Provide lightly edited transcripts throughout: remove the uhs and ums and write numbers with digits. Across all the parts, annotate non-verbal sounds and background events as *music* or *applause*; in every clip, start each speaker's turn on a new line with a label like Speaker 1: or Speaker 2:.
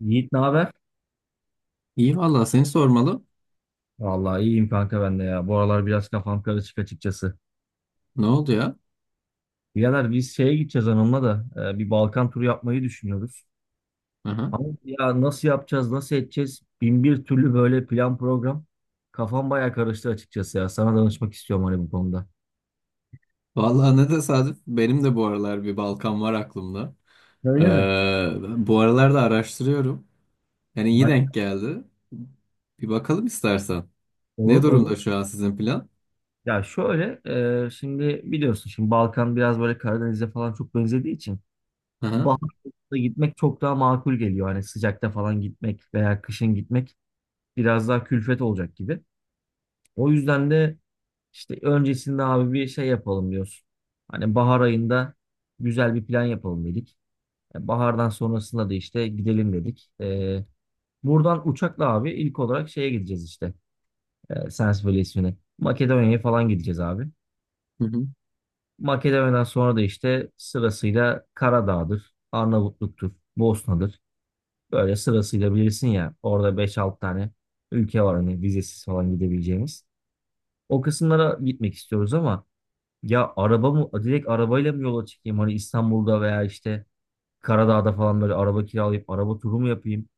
Speaker 1: Yiğit ne haber?
Speaker 2: İyi valla seni sormalı.
Speaker 1: Vallahi iyiyim kanka ben de ya. Bu aralar biraz kafam karışık açıkçası.
Speaker 2: Ne oldu ya?
Speaker 1: Birader biz şeye gideceğiz hanımla da bir Balkan turu yapmayı düşünüyoruz.
Speaker 2: Aha.
Speaker 1: Ama ya nasıl yapacağız, nasıl edeceğiz? Bin bir türlü böyle plan program. Kafam bayağı karıştı açıkçası ya. Sana danışmak istiyorum hani bu konuda.
Speaker 2: Valla ne tesadüf. Benim de bu aralar bir Balkan var aklımda. Ee,
Speaker 1: Öyle mi?
Speaker 2: bu aralar da araştırıyorum. Yani iyi
Speaker 1: Hayır.
Speaker 2: denk geldi. Bir bakalım istersen. Ne
Speaker 1: Olur olur.
Speaker 2: durumda şu an sizin plan?
Speaker 1: Ya şöyle şimdi biliyorsun şimdi Balkan biraz böyle Karadeniz'e falan çok benzediği için
Speaker 2: Aha.
Speaker 1: baharda gitmek çok daha makul geliyor. Hani sıcakta falan gitmek veya kışın gitmek biraz daha külfet olacak gibi. O yüzden de işte öncesinde abi bir şey yapalım diyoruz. Hani bahar ayında güzel bir plan yapalım dedik. Bahardan sonrasında da işte gidelim dedik. Buradan uçakla abi ilk olarak şeye gideceğiz işte. Sens Valisi'ne. Makedonya'ya falan gideceğiz abi.
Speaker 2: Hı hı.
Speaker 1: Makedonya'dan sonra da işte sırasıyla Karadağ'dır, Arnavutluk'tur, Bosna'dır. Böyle sırasıyla bilirsin ya orada beş 6 tane ülke var hani vizesiz falan gidebileceğimiz. O kısımlara gitmek istiyoruz ama ya araba mı direkt arabayla mı yola çıkayım hani İstanbul'da veya işte Karadağ'da falan böyle araba kiralayıp araba turu mu yapayım?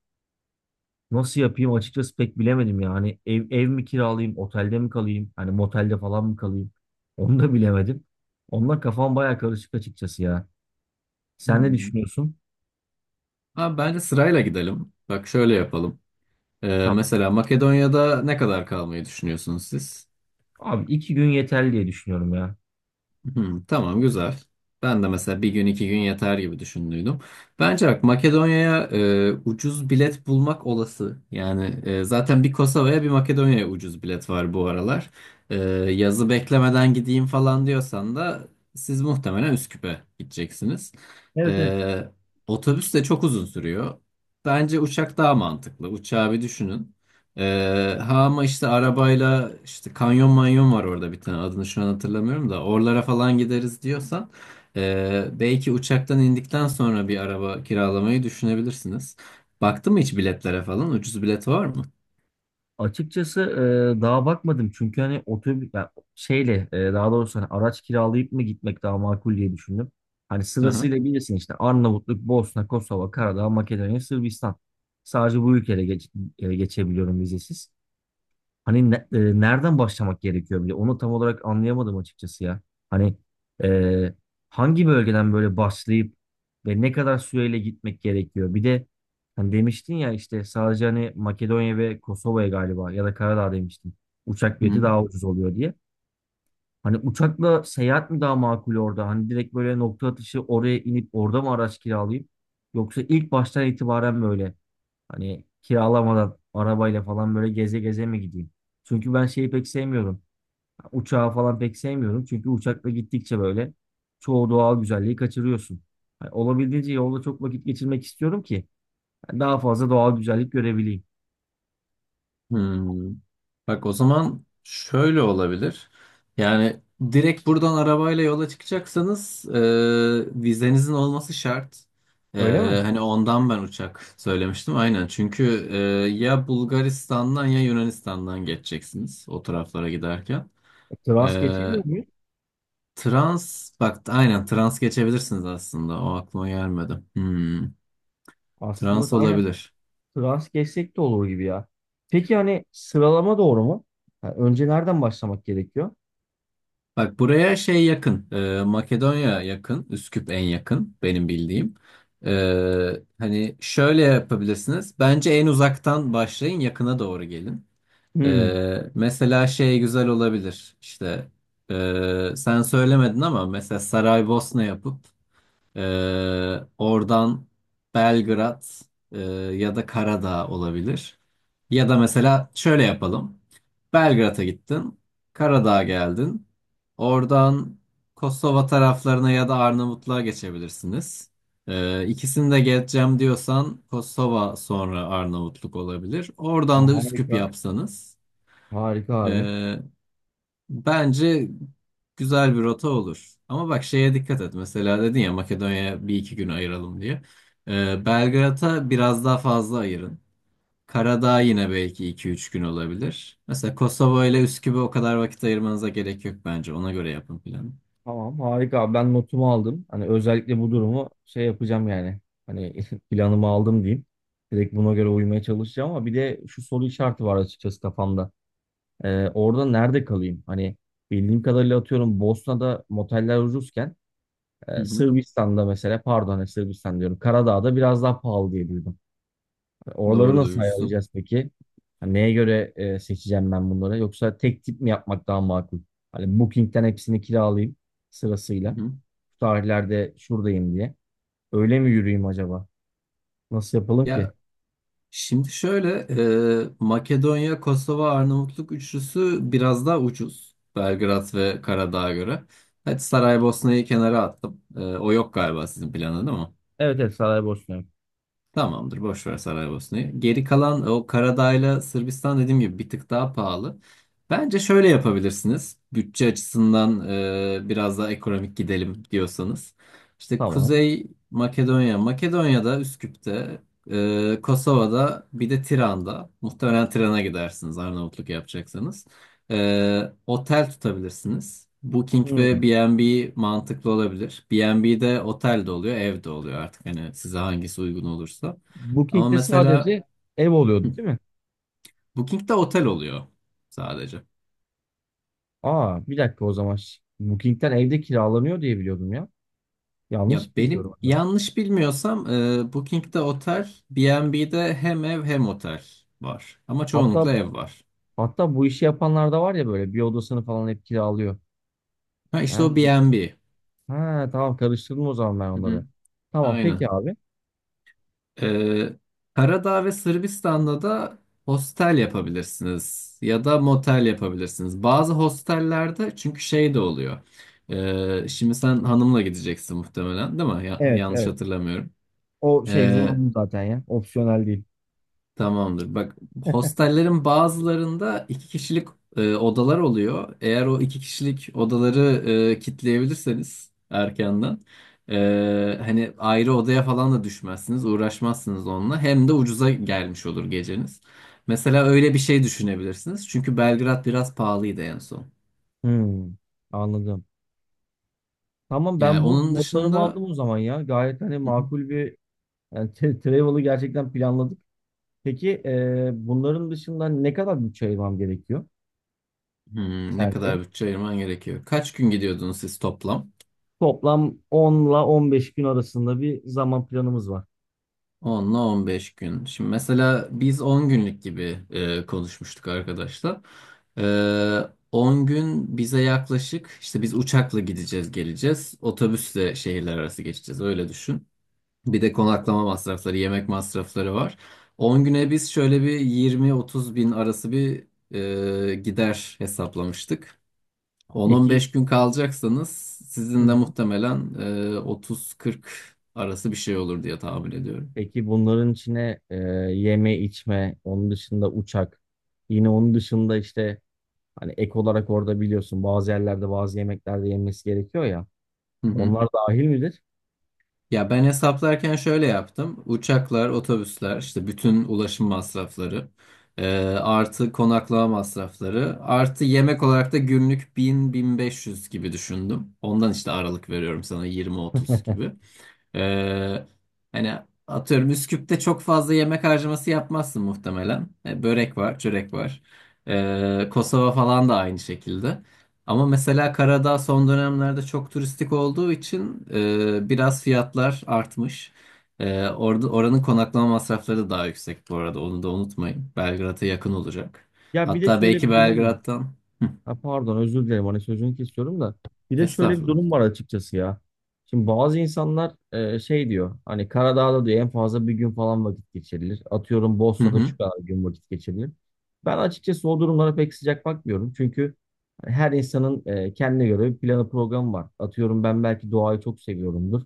Speaker 1: Nasıl yapayım açıkçası pek bilemedim ya. Hani ev mi kiralayayım, otelde mi kalayım? Hani motelde falan mı kalayım? *laughs* Onu da bilemedim. Onunla kafam baya karışık açıkçası ya. Sen ne
Speaker 2: Hmm.
Speaker 1: düşünüyorsun?
Speaker 2: Abi bence sırayla gidelim. Bak şöyle yapalım.
Speaker 1: Tamam.
Speaker 2: Mesela Makedonya'da ne kadar kalmayı düşünüyorsunuz siz?
Speaker 1: Abi iki gün yeterli diye düşünüyorum ya.
Speaker 2: Hı, tamam güzel. Ben de mesela bir gün iki gün yeter gibi düşündüydüm. Bence bak Makedonya'ya ucuz bilet bulmak olası. Yani zaten bir Kosova'ya bir Makedonya'ya ucuz bilet var bu aralar. E, Yazı beklemeden gideyim falan diyorsan da siz muhtemelen Üsküp'e gideceksiniz.
Speaker 1: Evet, evet.
Speaker 2: E, Otobüs de çok uzun sürüyor. Bence uçak daha mantıklı. Uçağı bir düşünün. Ha ama işte arabayla işte kanyon manyon var orada bir tane adını şu an hatırlamıyorum da oralara falan gideriz diyorsan belki uçaktan indikten sonra bir araba kiralamayı düşünebilirsiniz. Baktın mı hiç biletlere falan? Ucuz bilet var mı?
Speaker 1: Açıkçası daha bakmadım çünkü hani otobüs yani şeyle, daha doğrusu hani araç kiralayıp mı gitmek daha makul diye düşündüm. Hani
Speaker 2: Hı
Speaker 1: sırasıyla bilirsin işte Arnavutluk, Bosna, Kosova, Karadağ, Makedonya, Sırbistan. Sadece bu ülkelere geçebiliyorum vizesiz. Hani nereden başlamak gerekiyor bile? Onu tam olarak anlayamadım açıkçası ya. Hani e, hangi bölgeden böyle başlayıp ve ne kadar süreyle gitmek gerekiyor? Bir de hani demiştin ya işte sadece hani Makedonya ve Kosova'ya galiba ya da Karadağ demiştin. Uçak bileti
Speaker 2: hı.
Speaker 1: daha ucuz oluyor diye. Hani uçakla seyahat mi daha makul orada? Hani direkt böyle nokta atışı oraya inip orada mı araç kiralayıp? Yoksa ilk baştan itibaren böyle hani kiralamadan arabayla falan böyle geze geze mi gideyim? Çünkü ben şeyi pek sevmiyorum. Uçağı falan pek sevmiyorum. Çünkü uçakla gittikçe böyle çoğu doğal güzelliği kaçırıyorsun. Hani olabildiğince yolda çok vakit geçirmek istiyorum ki yani daha fazla doğal güzellik görebileyim.
Speaker 2: Hmm. Bak o zaman şöyle olabilir. Yani direkt buradan arabayla yola çıkacaksanız vizenizin olması şart. E,
Speaker 1: Öyle mi?
Speaker 2: Hani ondan ben uçak söylemiştim aynen. Çünkü ya Bulgaristan'dan ya Yunanistan'dan geçeceksiniz o taraflara giderken. E,
Speaker 1: Trans geçemiyor muyuz?
Speaker 2: Trans bak aynen trans geçebilirsiniz aslında. O aklıma gelmedi. Hmm. Trans
Speaker 1: Aslında aynen
Speaker 2: olabilir.
Speaker 1: trans geçsek de olur gibi ya. Peki hani sıralama doğru mu? Yani önce nereden başlamak gerekiyor?
Speaker 2: Bak buraya şey yakın. Makedonya yakın. Üsküp en yakın benim bildiğim. E, Hani şöyle yapabilirsiniz. Bence en uzaktan başlayın yakına doğru gelin.
Speaker 1: Hmm.
Speaker 2: Mesela şey güzel olabilir. İşte sen söylemedin ama mesela Saraybosna yapıp ee, oradan Belgrad e, ya da Karadağ olabilir. Ya da mesela şöyle yapalım. Belgrad'a gittin, Karadağ'a geldin. Oradan Kosova taraflarına ya da Arnavutluğa geçebilirsiniz. İkisini de geçeceğim diyorsan Kosova sonra Arnavutluk olabilir.
Speaker 1: Ha,
Speaker 2: Oradan da Üsküp
Speaker 1: harika.
Speaker 2: yapsanız.
Speaker 1: Harika abi.
Speaker 2: ee, Bence güzel bir rota olur. Ama bak şeye dikkat et. Mesela dedin ya Makedonya'ya bir iki gün ayıralım diye. Belgrad'a biraz daha fazla ayırın. Karadağ yine belki iki üç gün olabilir. Mesela Kosova ile Üsküp'e o kadar vakit ayırmanıza gerek yok bence. Ona göre yapın planı.
Speaker 1: Tamam harika abi, ben notumu aldım. Hani özellikle
Speaker 2: Hı
Speaker 1: bu durumu şey yapacağım yani. Hani *laughs* planımı aldım diyeyim. Direkt buna göre uymaya çalışacağım ama bir de şu soru işareti var açıkçası kafamda. Orada nerede kalayım? Hani bildiğim kadarıyla atıyorum Bosna'da moteller ucuzken,
Speaker 2: hı.
Speaker 1: Sırbistan'da mesela, pardon, hani Sırbistan diyorum, Karadağ'da biraz daha pahalı diye duydum. Oraları
Speaker 2: Doğru
Speaker 1: nasıl
Speaker 2: duymuşsun.
Speaker 1: ayarlayacağız peki? Hani neye göre seçeceğim ben bunları? Yoksa tek tip mi yapmak daha makul? Hani Booking'den hepsini kiralayayım sırasıyla,
Speaker 2: Hı hı.
Speaker 1: şu tarihlerde şuradayım diye. Öyle mi yürüyeyim acaba? Nasıl yapalım ki?
Speaker 2: Ya şimdi şöyle, Makedonya, Kosova, Arnavutluk üçlüsü biraz daha ucuz. Belgrad ve Karadağ'a göre. Hadi Saraybosna'yı kenara attım. E, o yok galiba, sizin planda değil mi?
Speaker 1: Evet, evet, saraya borçluyum.
Speaker 2: Tamamdır, boş ver Saraybosna'yı. Geri kalan o Karadağ'la Sırbistan dediğim gibi bir tık daha pahalı. Bence şöyle yapabilirsiniz. Bütçe açısından biraz daha ekonomik gidelim diyorsanız. İşte
Speaker 1: Tamam.
Speaker 2: Kuzey Makedonya, Makedonya'da Üsküp'te, Kosova'da bir de Tiran'da. Muhtemelen Tiran'a gidersiniz Arnavutluk yapacaksanız. Otel tutabilirsiniz. Booking ve
Speaker 1: Hmm.
Speaker 2: B&B mantıklı olabilir. B&B'de otel de oluyor, ev de oluyor artık, hani size hangisi uygun olursa. Ama
Speaker 1: Booking'de
Speaker 2: mesela
Speaker 1: sadece ev
Speaker 2: hı,
Speaker 1: oluyordu değil mi?
Speaker 2: Booking'de otel oluyor sadece.
Speaker 1: Aa, bir dakika o zaman. Booking'den evde kiralanıyor diye biliyordum ya.
Speaker 2: Ya
Speaker 1: Yanlış mı biliyorum
Speaker 2: benim
Speaker 1: acaba?
Speaker 2: yanlış bilmiyorsam Booking'de otel, B&B'de hem ev hem otel var. Ama
Speaker 1: Hatta,
Speaker 2: çoğunlukla ev var.
Speaker 1: hatta bu işi yapanlar da var ya, böyle bir odasını falan hep kiralıyor.
Speaker 2: Ha işte
Speaker 1: Ha,
Speaker 2: o B&B.
Speaker 1: tamam, karıştırdım o zaman ben
Speaker 2: Hı hı.
Speaker 1: onları. Tamam peki
Speaker 2: Aynen.
Speaker 1: abi.
Speaker 2: Ee, Karadağ ve Sırbistan'da da hostel yapabilirsiniz ya da motel yapabilirsiniz. Bazı hostellerde çünkü şey de oluyor. Şimdi sen hanımla gideceksin muhtemelen, değil mi?
Speaker 1: Evet,
Speaker 2: Yanlış
Speaker 1: evet.
Speaker 2: hatırlamıyorum.
Speaker 1: O şey zorunlu zaten ya. Opsiyonel değil.
Speaker 2: Tamamdır. Bak hostellerin bazılarında iki kişilik odalar oluyor. Eğer o iki kişilik odaları kitleyebilirseniz erkenden hani ayrı odaya falan da düşmezsiniz, uğraşmazsınız onunla. Hem de ucuza gelmiş olur geceniz. Mesela öyle bir şey düşünebilirsiniz. Çünkü Belgrad biraz pahalıydı en son.
Speaker 1: Hmm, anladım. Tamam,
Speaker 2: Yani
Speaker 1: ben bu
Speaker 2: onun
Speaker 1: notlarımı
Speaker 2: dışında.
Speaker 1: aldım o zaman ya. Gayet hani
Speaker 2: Hı hı.
Speaker 1: makul bir, yani travel'ı gerçekten planladık. Peki, bunların dışında ne kadar bütçe ayırmam gerekiyor
Speaker 2: Hmm, ne kadar
Speaker 1: sence?
Speaker 2: bütçe ayırman gerekiyor? Kaç gün gidiyordunuz siz toplam?
Speaker 1: Toplam 10'la 15 gün arasında bir zaman planımız var.
Speaker 2: 10'la 15 gün. Şimdi mesela biz 10 günlük gibi konuşmuştuk arkadaşlar. E, 10 gün bize yaklaşık işte biz uçakla gideceğiz geleceğiz. Otobüsle şehirler arası geçeceğiz öyle düşün. Bir de konaklama masrafları, yemek masrafları var. 10 güne biz şöyle bir 20-30 bin arası bir gider hesaplamıştık.
Speaker 1: Peki.
Speaker 2: 10-15 gün kalacaksanız
Speaker 1: Hı
Speaker 2: sizin de
Speaker 1: hı.
Speaker 2: muhtemelen 30-40 arası bir şey olur diye tahmin ediyorum.
Speaker 1: Peki bunların içine yeme içme, onun dışında uçak, yine onun dışında işte hani ek olarak, orada biliyorsun bazı yerlerde bazı yemeklerde yenmesi gerekiyor ya.
Speaker 2: Hı hı.
Speaker 1: Onlar dahil midir?
Speaker 2: Ya ben hesaplarken şöyle yaptım. Uçaklar, otobüsler, işte bütün ulaşım masrafları, artı konaklama masrafları, artı yemek olarak da günlük 1000-1500 gibi düşündüm. Ondan işte aralık veriyorum sana 20-30
Speaker 1: *laughs*
Speaker 2: gibi. Ee, hani atıyorum Üsküp'te çok fazla yemek harcaması yapmazsın muhtemelen. E, börek var, çörek var. Kosova falan da aynı şekilde. Ama mesela Karadağ son dönemlerde çok turistik olduğu için biraz fiyatlar artmış. E, orada oranın konaklama masrafları da daha yüksek bu arada. Onu da unutmayın. Belgrad'a yakın olacak.
Speaker 1: Ya bir de
Speaker 2: Hatta
Speaker 1: şöyle
Speaker 2: belki
Speaker 1: bir durum var.
Speaker 2: Belgrad'dan. Hı,
Speaker 1: Ha, pardon, özür dilerim hani sözünü kesiyorum da bir de şöyle bir
Speaker 2: estağfurullah.
Speaker 1: durum var açıkçası ya. Şimdi bazı insanlar şey diyor, hani Karadağ'da diyor en fazla bir gün falan vakit geçirilir. Atıyorum
Speaker 2: Hı
Speaker 1: Bosna'da şu
Speaker 2: hı.
Speaker 1: kadar gün vakit geçirilir. Ben açıkçası o durumlara pek sıcak bakmıyorum. Çünkü her insanın kendine göre bir planı programı var. Atıyorum ben belki doğayı çok seviyorumdur.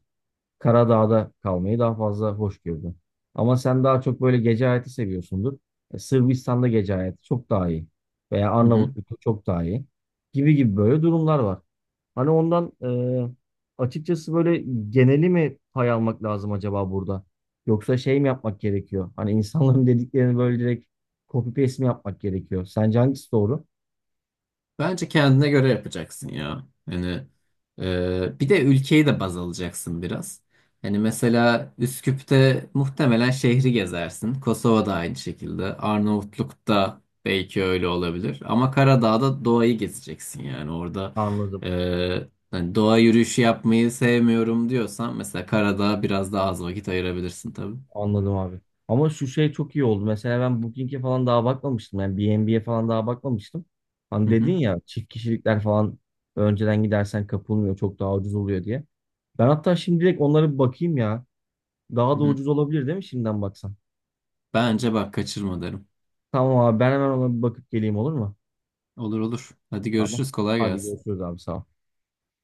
Speaker 1: Karadağ'da kalmayı daha fazla hoş gördüm. Ama sen daha çok böyle gece hayatı seviyorsundur. Sırbistan'da gece hayatı çok daha iyi. Veya
Speaker 2: Hı hı.
Speaker 1: Arnavutluk'ta çok daha iyi. Gibi gibi böyle durumlar var. Hani ondan e, açıkçası böyle geneli mi pay almak lazım acaba burada? Yoksa şey mi yapmak gerekiyor? Hani insanların *laughs* dediklerini böyle direkt copy paste mi yapmak gerekiyor? Sence hangisi doğru?
Speaker 2: Bence kendine göre yapacaksın ya. Yani bir de ülkeyi de baz alacaksın biraz. Hani mesela Üsküp'te muhtemelen şehri gezersin. Kosova'da aynı şekilde. Arnavutluk'ta belki öyle olabilir. Ama Karadağ'da doğayı gezeceksin yani. Orada
Speaker 1: Anladım.
Speaker 2: hani doğa yürüyüşü yapmayı sevmiyorum diyorsan mesela Karadağ'a biraz daha az vakit ayırabilirsin tabii.
Speaker 1: Anladım abi. Ama şu şey çok iyi oldu. Mesela ben Booking'e falan daha bakmamıştım. Yani B&B'ye falan daha bakmamıştım. Hani
Speaker 2: Hı
Speaker 1: dedin
Speaker 2: hı,
Speaker 1: ya çift kişilikler falan önceden gidersen kapılmıyor, çok daha ucuz oluyor diye. Ben hatta şimdi direkt onlara bir bakayım ya.
Speaker 2: hı
Speaker 1: Daha da
Speaker 2: hı.
Speaker 1: ucuz olabilir değil mi şimdiden baksan?
Speaker 2: Bence bak kaçırma derim.
Speaker 1: Tamam abi, ben hemen ona bir bakıp geleyim, olur mu?
Speaker 2: Olur olur. Hadi
Speaker 1: Tamam.
Speaker 2: görüşürüz. Kolay
Speaker 1: Hadi
Speaker 2: gelsin.
Speaker 1: görüşürüz abi, sağ ol.